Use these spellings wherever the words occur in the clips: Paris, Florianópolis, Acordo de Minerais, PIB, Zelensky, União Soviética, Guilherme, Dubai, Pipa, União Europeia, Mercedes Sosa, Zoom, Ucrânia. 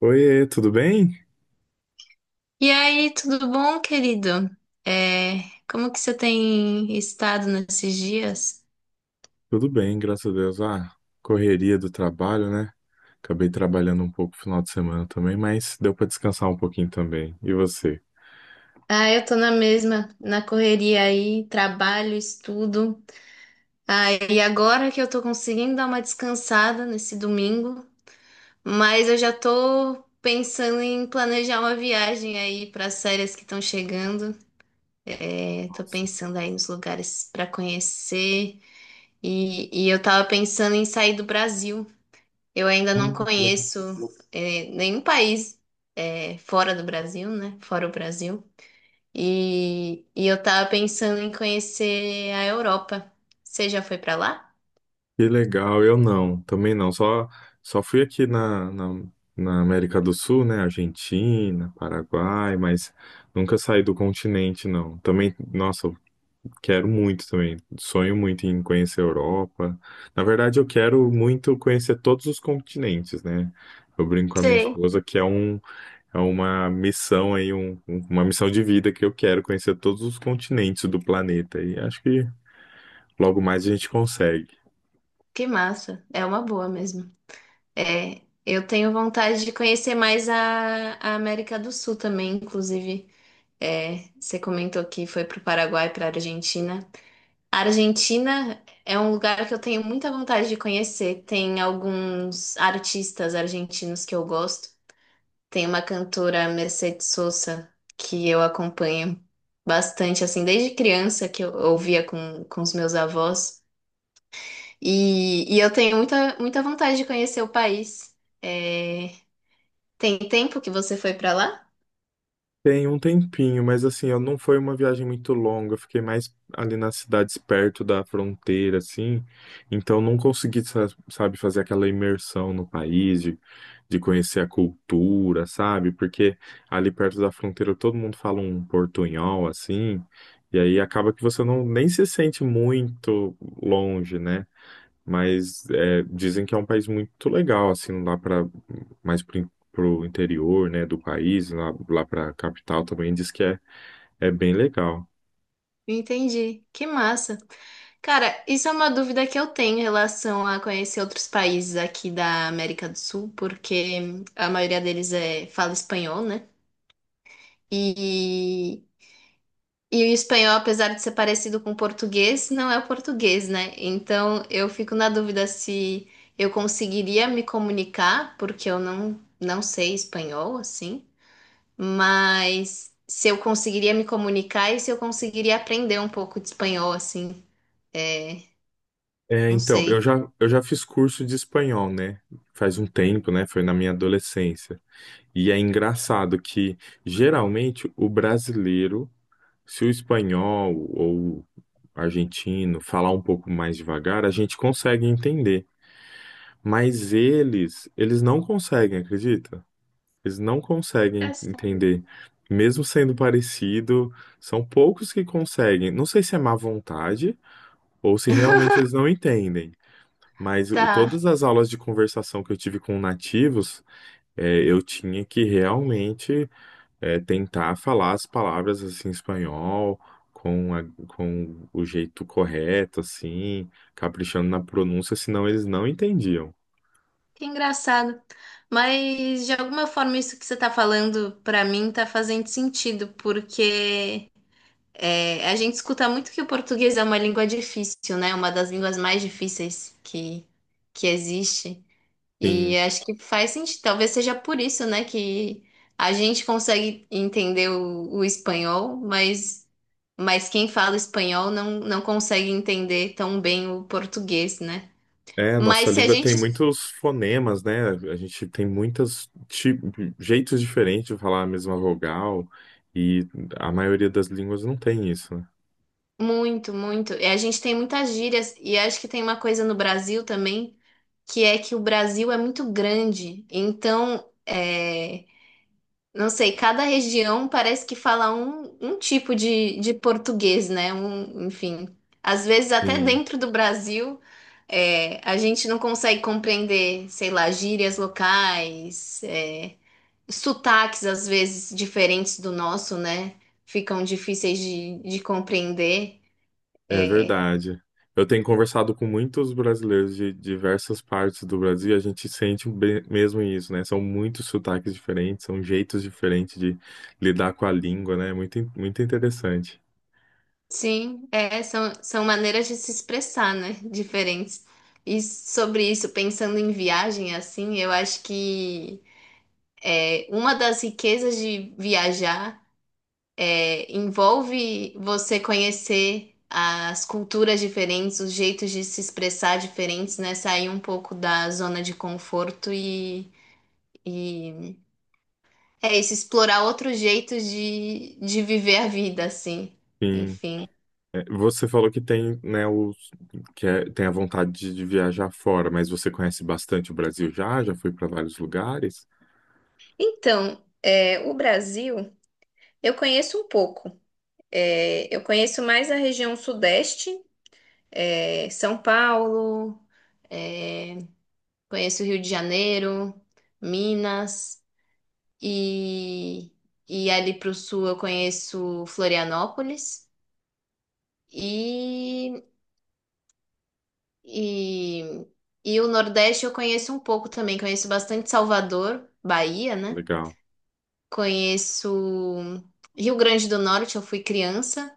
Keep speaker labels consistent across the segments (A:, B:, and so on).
A: Oiê, tudo bem?
B: E aí, tudo bom, querido? É, Como que você tem estado nesses dias?
A: Tudo bem, graças a Deus. Correria do trabalho, né? Acabei trabalhando um pouco no final de semana também, mas deu para descansar um pouquinho também. E você?
B: Ah, eu tô na mesma, na correria aí, trabalho, estudo. Ah, e agora que eu tô conseguindo dar uma descansada nesse domingo, mas eu já tô pensando em planejar uma viagem aí para as férias que estão chegando. Tô
A: Nossa,
B: pensando aí nos lugares para conhecer e eu tava pensando em sair do Brasil. Eu ainda não
A: ah, que legal.
B: conheço nenhum país fora do Brasil, né? Fora o Brasil. E eu tava pensando em conhecer a Europa. Você já foi pra lá?
A: Que legal, eu não, também não. Só, só fui aqui na América do Sul, né? Argentina, Paraguai, mas nunca saí do continente, não. Também, nossa, quero muito também. Sonho muito em conhecer a Europa. Na verdade, eu quero muito conhecer todos os continentes, né? Eu brinco com a minha
B: Sei.
A: esposa que é uma missão aí, uma missão de vida que eu quero conhecer todos os continentes do planeta. E acho que logo mais a gente consegue.
B: Que massa! É uma boa mesmo. É, eu tenho vontade de conhecer mais a América do Sul também, inclusive. É, você comentou que foi pro Paraguai, pra Argentina. A Argentina é um lugar que eu tenho muita vontade de conhecer. Tem alguns artistas argentinos que eu gosto. Tem uma cantora, Mercedes Sosa, que eu acompanho bastante, assim, desde criança que eu ouvia com os meus avós. E eu tenho muita, muita vontade de conhecer o país. É, tem tempo que você foi para lá?
A: Tem um tempinho, mas assim, eu não foi uma viagem muito longa, eu fiquei mais ali nas cidades perto da fronteira, assim, então não consegui, sabe, fazer aquela imersão no país, de conhecer a cultura, sabe, porque ali perto da fronteira todo mundo fala um portunhol, assim, e aí acaba que você não nem se sente muito longe, né? Mas é, dizem que é um país muito legal, assim, lá para mais pro, pro interior, né, do país, lá, lá para capital também diz que é, é bem legal.
B: Entendi. Que massa. Cara, isso é uma dúvida que eu tenho em relação a conhecer outros países aqui da América do Sul, porque a maioria deles é, fala espanhol, né? E, e o espanhol, apesar de ser parecido com o português, não é o português, né? Então eu fico na dúvida se eu conseguiria me comunicar, porque eu não sei espanhol, assim, mas se eu conseguiria me comunicar e se eu conseguiria aprender um pouco de espanhol, assim. É,
A: É,
B: não
A: então,
B: sei.
A: eu já fiz curso de espanhol, né? Faz um tempo, né? Foi na minha adolescência. E é engraçado que, geralmente, o brasileiro, se o espanhol ou argentino falar um pouco mais devagar, a gente consegue entender. Mas eles não conseguem, acredita? Eles não conseguem
B: Engraçado.
A: entender. Mesmo sendo parecido, são poucos que conseguem. Não sei se é má vontade ou se realmente eles não entendem. Mas
B: Tá,
A: todas as aulas de conversação que eu tive com nativos, eu tinha que realmente tentar falar as palavras assim, em espanhol, com o jeito correto, assim, caprichando na pronúncia, senão eles não entendiam.
B: que engraçado. Mas de alguma forma isso que você tá falando pra mim tá fazendo sentido, porque é, a gente escuta muito que o português é uma língua difícil, né? Uma das línguas mais difíceis que existe. E
A: Sim.
B: acho que faz sentido. Talvez seja por isso, né, que a gente consegue entender o espanhol, mas quem fala espanhol não consegue entender tão bem o português, né?
A: É, a nossa
B: Mas se a
A: língua tem
B: gente.
A: muitos fonemas, né? A gente tem muitos jeitos diferentes de falar a mesma vogal, e a maioria das línguas não tem isso, né?
B: Muito, muito. E a gente tem muitas gírias, e acho que tem uma coisa no Brasil também, que é que o Brasil é muito grande. Então, é, não sei, cada região parece que fala um tipo de português, né? Um, enfim. Às vezes, até
A: Sim,
B: dentro do Brasil, é, a gente não consegue compreender, sei lá, gírias locais. É, sotaques, às vezes, diferentes do nosso, né? Ficam difíceis de compreender.
A: é
B: É,
A: verdade. Eu tenho conversado com muitos brasileiros de diversas partes do Brasil, e a gente sente um mesmo isso, né? São muitos sotaques diferentes, são jeitos diferentes de lidar com a língua, né? Muito, muito interessante.
B: sim, é, são, são maneiras de se expressar, né? Diferentes. E sobre isso, pensando em viagem, assim, eu acho que é, uma das riquezas de viajar é, envolve você conhecer as culturas diferentes, os jeitos de se expressar diferentes, né? Sair um pouco da zona de conforto e é isso, explorar outros jeitos de viver a vida, assim.
A: Sim.
B: Enfim.
A: É, você falou que tem, né, os, tem a vontade de viajar fora, mas você conhece bastante o Brasil já? Já foi para vários lugares?
B: Então, é, o Brasil, eu conheço um pouco. É, eu conheço mais a região sudeste, é, São Paulo, é, conheço o Rio de Janeiro, Minas, e, e ali para o sul eu conheço Florianópolis. E e, e o Nordeste eu conheço um pouco também. Conheço bastante Salvador, Bahia, né?
A: Legal.
B: Conheço Rio Grande do Norte, eu fui criança.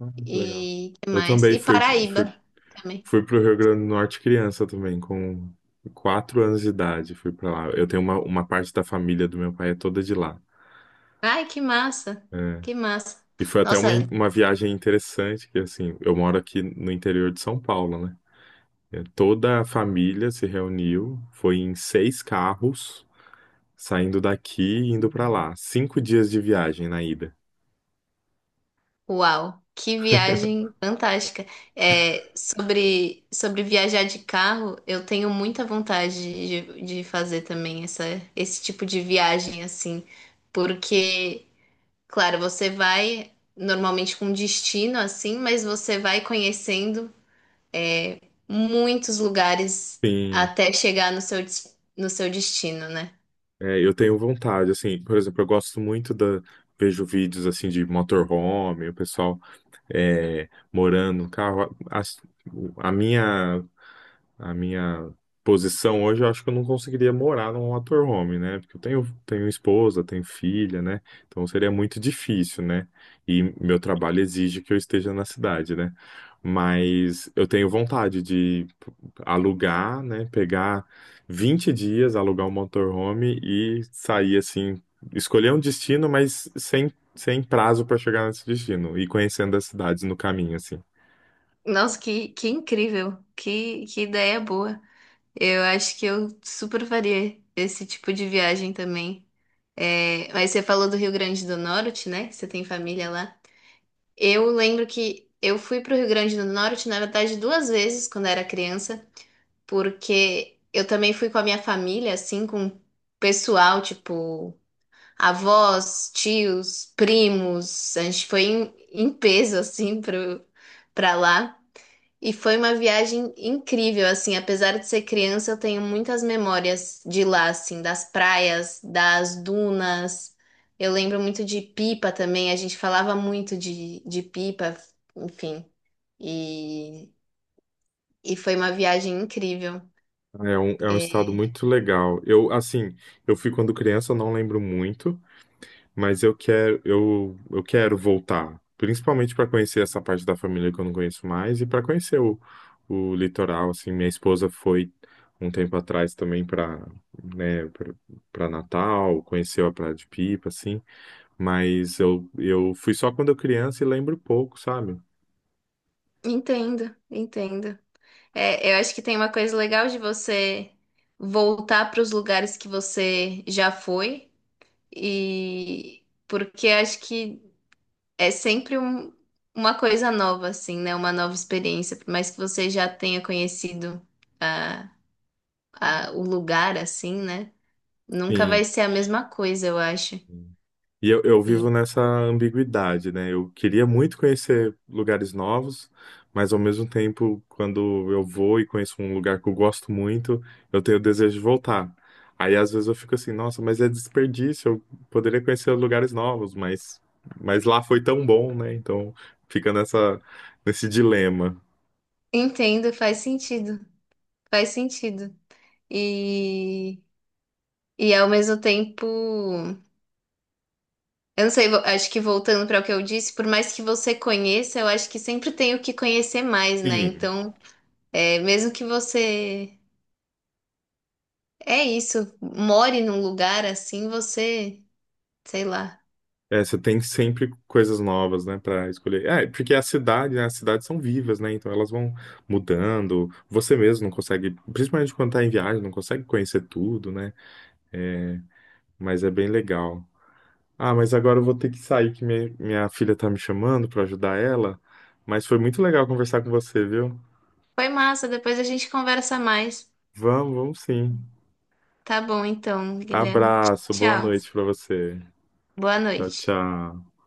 A: Ah, que legal.
B: E que
A: Eu
B: mais?
A: também
B: E
A: fui, fui,
B: Paraíba também.
A: fui para o Rio Grande do Norte criança também, com 4 anos de idade. Fui para lá. Eu tenho uma parte da família do meu pai é toda de lá.
B: Ai, que massa! Que massa!
A: E foi até uma,
B: Nossa,
A: uma viagem interessante, que assim, eu moro aqui no interior de São Paulo, né? É, toda a família se reuniu, foi em 6 carros, saindo daqui e indo pra lá. 5 dias de viagem na ida.
B: uau! Que viagem fantástica. É, sobre, sobre viajar de carro, eu tenho muita vontade de fazer também essa, esse tipo de viagem assim, porque. Claro, você vai normalmente com destino assim, mas você vai conhecendo é, muitos lugares
A: Sim,
B: até chegar no seu, no seu destino, né?
A: é, eu tenho vontade, assim, por exemplo, eu gosto muito da. Vejo vídeos assim de motorhome, o pessoal morando no carro. A minha a minha posição hoje, eu acho que eu não conseguiria morar num motorhome, né? Porque eu tenho, tenho esposa, tenho filha, né? Então seria muito difícil, né? E meu trabalho exige que eu esteja na cidade, né? Mas eu tenho vontade de alugar, né? Pegar 20 dias, alugar um motorhome e sair assim, escolher um destino, mas sem, sem prazo para chegar nesse destino e conhecendo as cidades no caminho, assim.
B: Nossa, que incrível! Que ideia boa! Eu acho que eu super faria esse tipo de viagem também. É, mas você falou do Rio Grande do Norte, né? Você tem família lá. Eu lembro que eu fui para o Rio Grande do Norte, na verdade, duas vezes quando era criança, porque eu também fui com a minha família, assim, com o pessoal, tipo, avós, tios, primos. A gente foi em, em peso, assim, pro, pra lá. E foi uma viagem incrível, assim, apesar de ser criança, eu tenho muitas memórias de lá, assim, das praias, das dunas. Eu lembro muito de pipa também, a gente falava muito de pipa, enfim. E, e foi uma viagem incrível.
A: É um
B: É,
A: estado muito legal. Eu, assim, eu fui quando criança, eu não lembro muito, mas eu quero, eu quero voltar, principalmente para conhecer essa parte da família que eu não conheço mais e para conhecer o litoral, assim, minha esposa foi um tempo atrás também para, né, para Natal, conheceu a Praia de Pipa, assim, mas eu fui só quando eu criança e lembro pouco, sabe?
B: entendo, entendo. É, eu acho que tem uma coisa legal de você voltar para os lugares que você já foi e porque acho que é sempre um- uma coisa nova, assim, né? Uma nova experiência, por mais que você já tenha conhecido a, o lugar, assim, né? Nunca vai
A: Sim.
B: ser a mesma coisa, eu acho.
A: E eu vivo
B: E
A: nessa ambiguidade, né? Eu queria muito conhecer lugares novos, mas ao mesmo tempo, quando eu vou e conheço um lugar que eu gosto muito, eu tenho o desejo de voltar. Aí às vezes eu fico assim, nossa, mas é desperdício, eu poderia conhecer lugares novos, mas lá foi tão bom, né? Então fica nessa, nesse dilema.
B: entendo, faz sentido, faz sentido. E, e ao mesmo tempo. Eu não sei, acho que voltando para o que eu disse, por mais que você conheça, eu acho que sempre tem o que conhecer mais, né?
A: Sim,
B: Então, é, mesmo que você, é isso, more num lugar assim, você, sei lá.
A: é, você tem sempre coisas novas, né, para escolher. É, porque a cidade, né, as cidades são vivas, né, então elas vão mudando. Você mesmo não consegue, principalmente quando tá em viagem, não consegue conhecer tudo, né? É, mas é bem legal. Ah, mas agora eu vou ter que sair, que minha filha tá me chamando para ajudar ela. Mas foi muito legal conversar com você, viu?
B: Foi massa, depois a gente conversa mais.
A: Vamos, vamos sim.
B: Tá bom, então, Guilherme.
A: Abraço, boa
B: Tchau.
A: noite para você.
B: Boa
A: Tchau,
B: noite.
A: tchau.